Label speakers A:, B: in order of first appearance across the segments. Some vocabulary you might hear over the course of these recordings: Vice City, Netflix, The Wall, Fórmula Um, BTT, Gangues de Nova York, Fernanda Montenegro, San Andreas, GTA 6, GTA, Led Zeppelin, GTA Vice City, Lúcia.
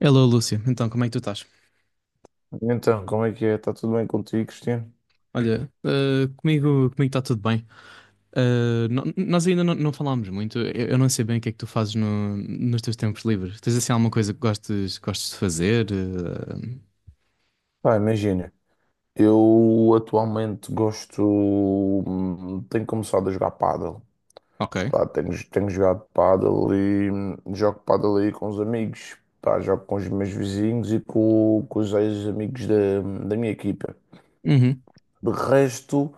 A: Hello, Lúcia. Então, como é que tu estás?
B: Então, como é que é? Está tudo bem contigo, Cristiano?
A: Olha, comigo está tudo bem. Nós ainda não falámos muito. Eu não sei bem o que é que tu fazes nos teus tempos livres. Tens assim alguma coisa que gostes de fazer?
B: Pá, imagina, eu atualmente gosto, tenho começado a jogar pádel.
A: Ok.
B: Pá, tenho jogado pádel e jogo pádel aí com os amigos. Pá, jogo com os meus vizinhos e com os ex-amigos da minha equipa.
A: Uhum.
B: De resto,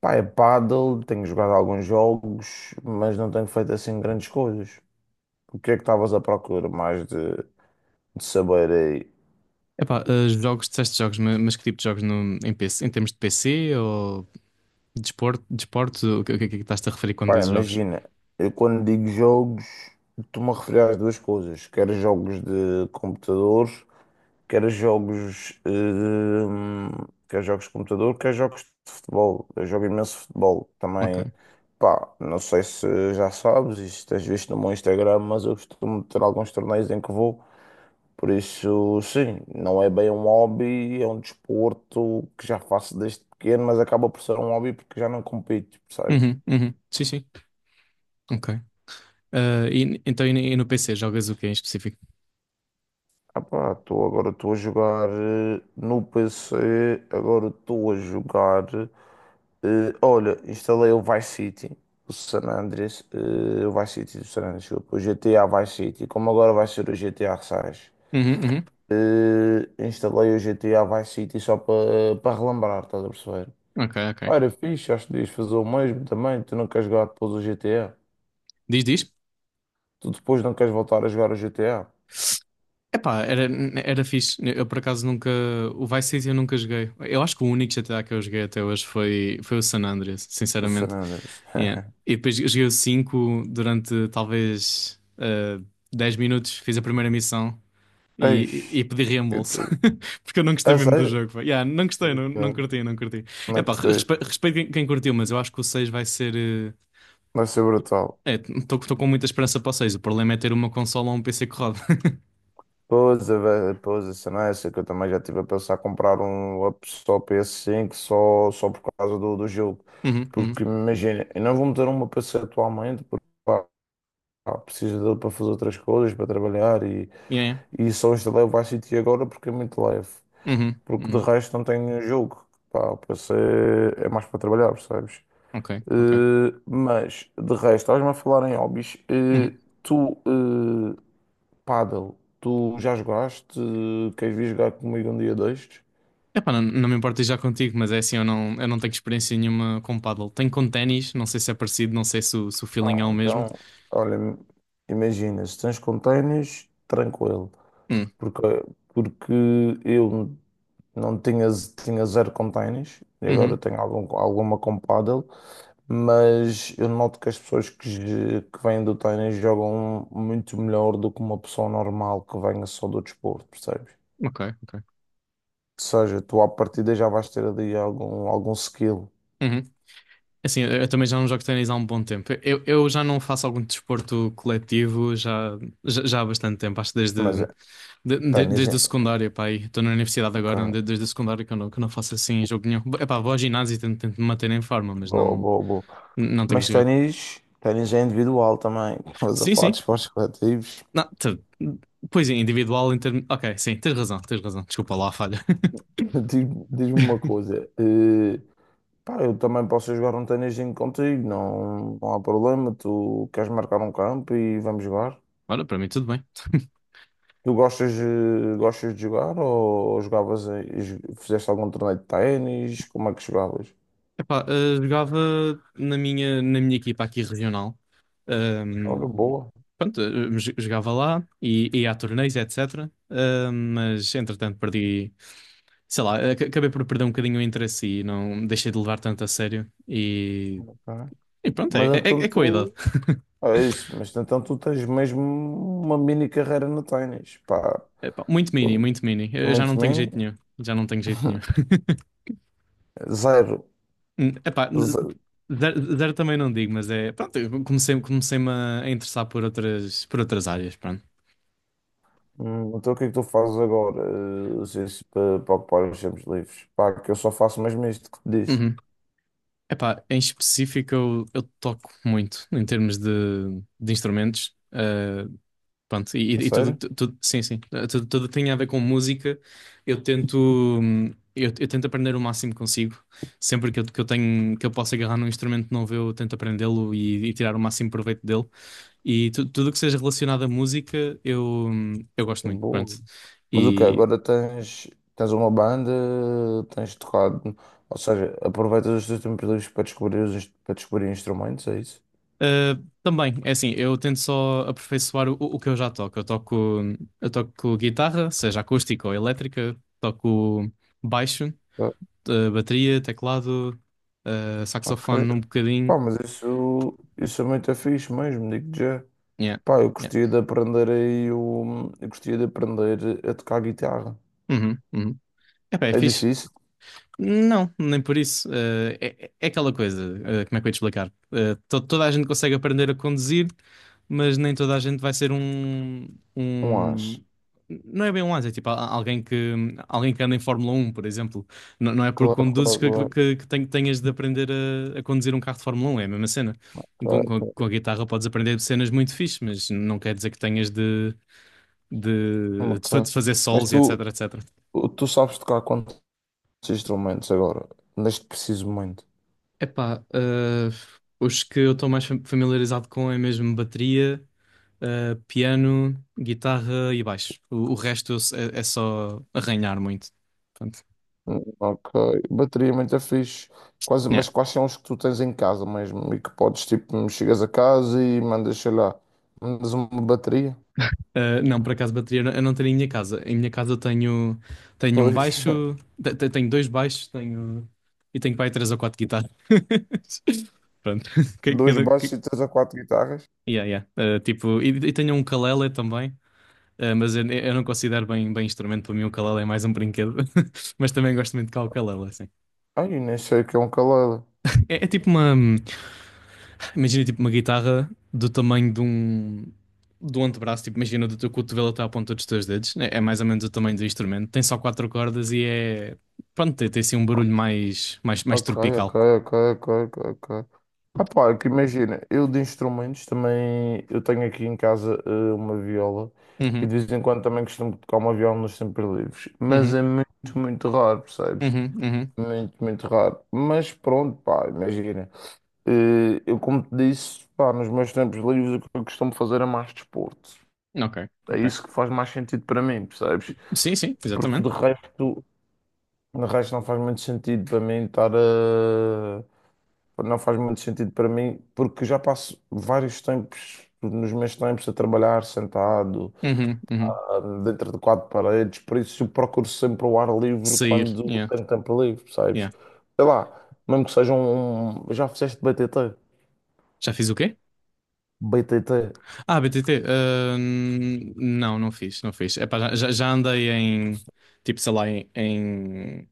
B: pá, é pádel, tenho jogado alguns jogos, mas não tenho feito assim grandes coisas. O que é que estavas à procura mais de saber aí?
A: Epá, jogos, disseste jogos, mas que tipo de jogos no, em PC, em termos de PC ou desporto, o que é que estás-te a referir quando
B: Pá,
A: dizes jogos?
B: imagina, eu quando digo jogos, estou-me a referir às duas coisas, quer jogos de computador, quer jogos, hum, quer jogos de computador, quer jogos de futebol. Eu jogo imenso futebol
A: Ok.
B: também. Pá, não sei se já sabes, isto tens visto no meu Instagram, mas eu costumo ter alguns torneios em que vou. Por isso, sim, não é bem um hobby, é um desporto que já faço desde pequeno, mas acaba por ser um hobby porque já não compito, percebes?
A: Uhum, uhum. Sim, sim. Ok. Então, e no PC, jogas o que em específico?
B: Ah pá, agora estou a jogar no PC, agora estou a jogar. Olha, instalei o Vice City, o San Andreas, o Vice City do San Andreas, desculpa, o GTA Vice City, como agora vai ser o GTA 6.
A: Uhum, uhum.
B: Instalei o GTA Vice City só para relembrar, estás a perceber?
A: Ok, ok.
B: Ah, era fixe, acho que devias fazer o mesmo também, tu não queres jogar depois o GTA.
A: Diz, diz.
B: Tu depois não queres voltar a jogar o GTA,
A: Epá, era fixe. Eu por acaso nunca. O Vice City eu nunca joguei. Eu acho que o único GTA que eu joguei até hoje foi o San Andreas,
B: o San
A: sinceramente.
B: Andreas.
A: Yeah. E depois eu joguei o 5 durante talvez 10 minutos, fiz a primeira missão e
B: Eis,
A: pedi
B: eu
A: reembolso.
B: tô-
A: Porque eu não gostei
B: a
A: mesmo do
B: sério?
A: jogo, pá. Yeah, não gostei,
B: Ok.
A: não, não curti, não curti.
B: Não
A: Epá,
B: gostei.
A: respeito quem curtiu, mas eu acho que o 6 vai ser.
B: Vai ser brutal.
A: Estou com muita esperança para o 6. O problema é ter uma consola ou um PC que roda.
B: Pois, a cena é essa que eu também já estive a pensar comprar um laptop PS5 só por causa do jogo.
A: Uhum, uhum.
B: Porque imagina, eu não vou meter uma PC atualmente porque pá, preciso dele para fazer outras coisas, para trabalhar
A: Yeah, yeah.
B: e só instalei o Vice City agora porque é muito leve.
A: Uhum,
B: Porque de
A: uhum.
B: resto não tenho nenhum jogo. Pá, o PC é mais para trabalhar, percebes?
A: Ok, ok.
B: Mas de resto, estás-me a falar em hobbies.
A: Uhum.
B: Tu. eh, Paddle, tu já jogaste? Queres vir jogar comigo um dia destes?
A: Epá, não, não me importo já contigo, mas é assim, eu não tenho experiência nenhuma com paddle. Tenho com ténis, não sei se é parecido, não sei se o feeling é
B: Ah,
A: o mesmo.
B: então, olha, imagina, se tens com tranquilo,
A: Hum,
B: porque, porque eu não tinha, tinha zero com e agora
A: Uhum.
B: tenho algum, alguma com paddle, mas eu noto que as pessoas que vêm do ténis jogam muito melhor do que uma pessoa normal que venha só do desporto, percebes?
A: Ok, ok.
B: Ou seja, tu à partida já vais ter ali algum skill.
A: Uhum. É assim, eu também já não jogo ténis há um bom tempo. Eu já não faço algum desporto coletivo já há bastante tempo, acho que
B: Mas
A: desde, de, de-
B: ténis,
A: desde o secundário, pá, aí. Estou na universidade agora,
B: ok,
A: desde o secundário que eu não faço assim jogo nenhum. Epá, vou ao ginásio e tento me manter em forma, mas
B: boa,
A: não,
B: boa, boa.
A: não tenho
B: Mas
A: jogado.
B: ténis é individual também. Mas a
A: Sim,
B: falar de
A: sim.
B: esportes coletivos,
A: Não, pois é, individual em termos. Ok, sim, tens razão, tens razão. Desculpa lá a falha.
B: diz-me uma coisa. Pá, eu também posso jogar um ténisinho contigo, não, não há problema. Tu queres marcar um campo e vamos jogar.
A: Ora, para mim tudo bem.
B: Tu gostas de jogar ou jogavas, fizeste algum torneio de ténis? Como é que jogavas?
A: Epá, jogava na minha equipa aqui regional. Ahm,
B: Ora, boa.
A: Pronto, jogava lá e ia a torneios, etc. Mas entretanto perdi, sei lá, acabei por perder um bocadinho o interesse e não deixei de levar tanto a sério. E,
B: Ok.
A: e pronto, é,
B: Mas
A: é,
B: então
A: é com a idade.
B: tu Ah, é isso, mas então tu tens mesmo uma mini carreira no ténis, pá,
A: Epá, muito mini, muito mini. Eu já não
B: muito
A: tenho
B: bem,
A: jeito nenhum. Já não tenho jeito nenhum.
B: zero,
A: Epá,
B: zero.
A: zero, zero também não digo, mas é. Pronto, eu comecei-me a interessar por outras áreas, pronto.
B: Então o que é que tu fazes agora, assim, para ocupar os tempos livres? Pá, que eu só faço mesmo isto que te disse,
A: Uhum. Epá, em específico eu toco muito em termos de instrumentos. Pronto, e,
B: a
A: e e tudo,
B: sério?
A: tudo, sim, sim, tudo que tem a ver com música. Eu tento, hum, eu tento aprender o máximo que consigo. Sempre que eu posso agarrar num instrumento novo, eu tento aprendê-lo e tirar o máximo proveito dele. E tudo o que seja relacionado à música, eu gosto
B: Que
A: muito, pronto.
B: boa. Mas o que
A: E
B: agora tens uma banda, tens tocado, ou seja, aproveitas os teus tempos livres para para descobrir instrumentos, é isso?
A: também, é assim, eu tento só aperfeiçoar o que eu já toco. Eu toco guitarra, seja acústica ou elétrica, toco baixo,
B: Ah,
A: bateria, teclado,
B: ok,
A: saxofone um
B: pá,
A: bocadinho.
B: mas isso é muito fixe mesmo, digo já.
A: Yeah,
B: Pá, eu
A: yeah.
B: gostaria de aprender. Eu gostaria de aprender a tocar guitarra.
A: Uhum, uhum. Epá, é
B: É
A: fixe.
B: difícil?
A: Não, nem por isso. É aquela coisa, como é que eu ia te explicar? Toda a gente consegue aprender a conduzir, mas nem toda a gente vai ser um,
B: Não
A: um...
B: acho.
A: Não é bem um asa, é tipo alguém que anda em Fórmula 1, por exemplo. Não, não é porque
B: Claro,
A: conduzes
B: claro,
A: que,
B: claro.
A: que, que ten- tenhas de aprender a conduzir um carro de Fórmula 1, é a mesma cena.
B: Claro,
A: Com, com a
B: claro.
A: com a guitarra podes aprender cenas muito fixe, mas não quer dizer que tenhas de, de, de
B: Ok.
A: fa- de fazer
B: Mas
A: solos e etc, etc.
B: tu sabes tocar quantos instrumentos agora? Neste preciso momento.
A: Epá, os que eu estou mais familiarizado com é mesmo bateria, piano, guitarra e baixo. O resto eu se- é só arranhar muito. Portanto,
B: Ok. Bateria muito é fixe. Quase,
A: yeah.
B: mas quais são os que tu tens em casa mesmo? E que podes, tipo, chegas a casa e mandas uma bateria.
A: Ah, não, por acaso bateria eu não tenho em minha casa. Em minha casa eu tenho um
B: Pois,
A: baixo, tenho dois baixos, tenho para aí três ou quatro guitarras. Pronto. Que-
B: dois
A: Cada,
B: baixos
A: que-
B: e três a quatro guitarras.
A: yeah, yeah. Ah, tipo, e tenho um ukulele também. Ah, mas eu não considero bem instrumento, para mim o ukulele é mais um brinquedo, mas também gosto muito de tocar o ukulele, assim.
B: Ai, nem sei o que é um ukulele.
A: É tipo imagina tipo uma guitarra do tamanho do antebraço, tipo imagina do teu cotovelo até à ponta dos teus dedos, é mais ou menos o tamanho do instrumento, tem só quatro cordas e é, pronto, tem assim um barulho mais
B: Ok, ok,
A: tropical.
B: ok, ok, ok. Ok. Ah, pá, é que imagina, eu de instrumentos também, eu tenho aqui em casa uma viola e
A: Uhum,
B: de vez em quando também costumo tocar uma viola nos tempos livres, mas é
A: uhum,
B: muito, muito raro, percebes?
A: uhum, uhum,
B: Muito, muito raro. Mas pronto, pá, imagina, eu como te disse, pá, nos meus tempos livres o que eu costumo fazer é mais desporto.
A: ok,
B: É
A: ok.
B: isso que faz mais sentido para mim, percebes?
A: Sim, sim,
B: Porque
A: exatamente.
B: de resto não faz muito sentido para mim estar a não faz muito sentido para mim, porque já passo vários tempos, nos meus tempos, a trabalhar sentado,
A: Uhum, uhum.
B: dentro de quatro paredes, por isso eu procuro sempre o ar livre
A: Sair,
B: quando
A: yeah,
B: tenho tempo livre, percebes?
A: yeah.
B: Sei lá, mesmo que seja. Já fizeste BTT?
A: Já fiz o quê?
B: BTT.
A: Ah, BTT, não, não fiz, não fiz. Epá, já andei tipo, sei lá,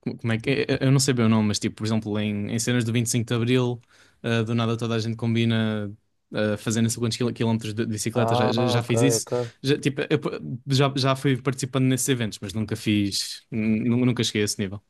A: como é que é? Eu não sei bem o nome, mas tipo, por exemplo, em cenas do 25 de Abril, do nada toda a gente combina fazer não sei quantos quilómetros de bicicleta, já,
B: Ah,
A: já, já
B: ok,
A: fiz isso.
B: ok.
A: Já, tipo, já fui participando nesses eventos, mas nunca fiz, nu- nunca cheguei a esse nível.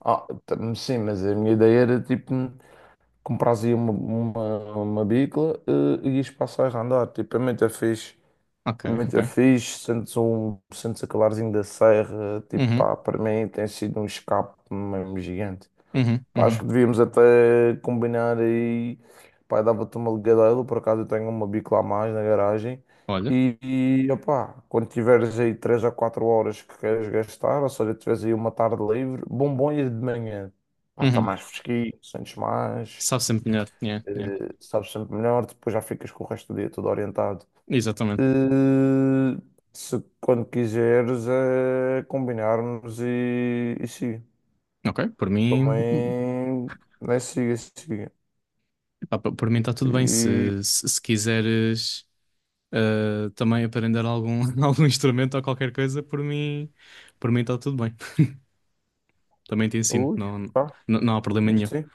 B: Ah, sim, mas a minha ideia era tipo. Compras uma bicla e ias passar a andar. Tipo, a mim é muito fixe.
A: Ok,
B: Muito
A: ok.
B: é fixe, sentes aquele arzinho da serra, tipo,
A: Uhum,
B: pá, para mim tem sido um escape mesmo gigante.
A: uhum,
B: Pá, acho
A: uhum.
B: que devíamos até combinar aí, pá, dava-te uma ligadela, por acaso eu tenho uma bico lá a mais na garagem,
A: Olha,
B: e opá, quando tiveres aí 3 a 4 horas que queres gastar, ou seja, tiveres aí uma tarde livre, bom ir de manhã, pá, está
A: uhum.
B: mais fresquinho, sentes mais,
A: Sabe sempre melhor, yeah, yeah.
B: sabes sempre melhor, depois já ficas com o resto do dia todo orientado.
A: Exatamente.
B: Eh, Se quando quiseres é combinarmos e siga.
A: Ok, por mim.
B: Também né, siga, siga.
A: Ah, por mim está tudo bem.
B: E
A: Se quiseres também aprender algum instrumento ou qualquer coisa, por mim está tudo bem. Também te ensino,
B: ui,
A: não,
B: pá,
A: não, não há problema nenhum.
B: sim.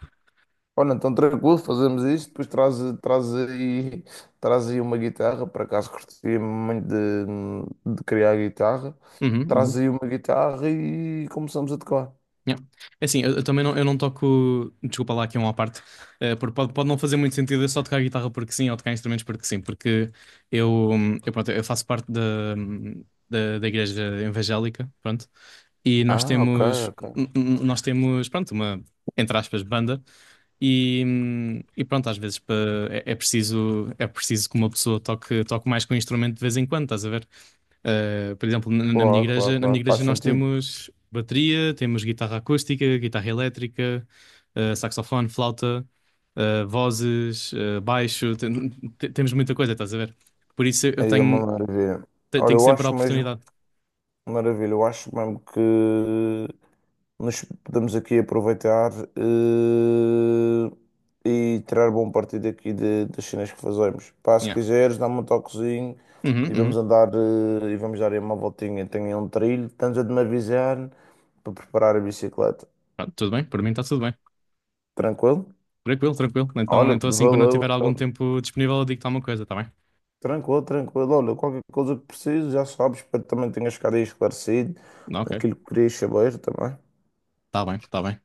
B: Olha, então tranquilo, fazemos isto, depois traz aí, traz aí uma guitarra, por acaso curtia muito de criar guitarra.
A: Uhum,
B: Traz
A: uhum.
B: aí uma guitarra e começamos a tocar.
A: Yeah. É assim, eu também não, eu não toco. Desculpa lá, aqui é uma à parte. Porque pode não fazer muito sentido eu só tocar guitarra porque sim ou tocar instrumentos porque sim, porque eu faço parte hum, da igreja evangélica, pronto, e nós
B: Ah, ok,
A: temos, n-
B: ok.
A: n- nós temos, pronto, uma, entre aspas, banda. E pronto, às vezes é preciso que uma pessoa toque mais com o instrumento de vez em quando, estás a ver? Por exemplo,
B: Claro, claro,
A: na minha
B: claro. Faz
A: igreja nós
B: sentido.
A: temos bateria, temos guitarra acústica, guitarra elétrica, saxofone, flauta, vozes, baixo, temos muita coisa, estás a ver? Por isso eu
B: Aí é
A: tenho,
B: uma maravilha.
A: te-
B: Olha,
A: tenho
B: eu
A: sempre a
B: acho mesmo.
A: oportunidade.
B: Maravilha, eu acho mesmo que nos podemos aqui aproveitar eh, e tirar bom partido aqui das cenas que fazemos. Pá, se
A: Yeah.
B: quiseres, dá-me um toquezinho
A: Uhum,
B: e vamos
A: uhum.
B: andar e vamos dar aí uma voltinha. Tenho aí um trilho, estamos a de me avisar para preparar a bicicleta.
A: Pronto, tudo bem, por mim está tudo bem.
B: Tranquilo?
A: Tranquilo, tranquilo. Então,
B: Olha,
A: então assim, quando eu
B: valeu.
A: tiver algum
B: Então.
A: tempo disponível, eu digo-te alguma coisa, está bem?
B: Tranquilo, tranquilo. Olha, qualquer coisa que preciso, já sabes, espero que também tenhas ficado aí esclarecido
A: Ok.
B: aquilo que querias saber também.
A: Tá bem, tá bem.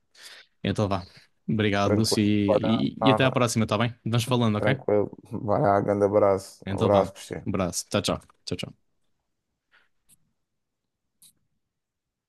A: Então vá. Obrigado, Lúcio,
B: Tranquilo, não
A: e até à
B: nada.
A: próxima, tá bem? Vamos falando, ok?
B: Tranquilo. Vai lá, grande abraço. Um
A: Então vá.
B: abraço, Cristiano.
A: Um abraço. Tchau, tchau. Tchau, tchau.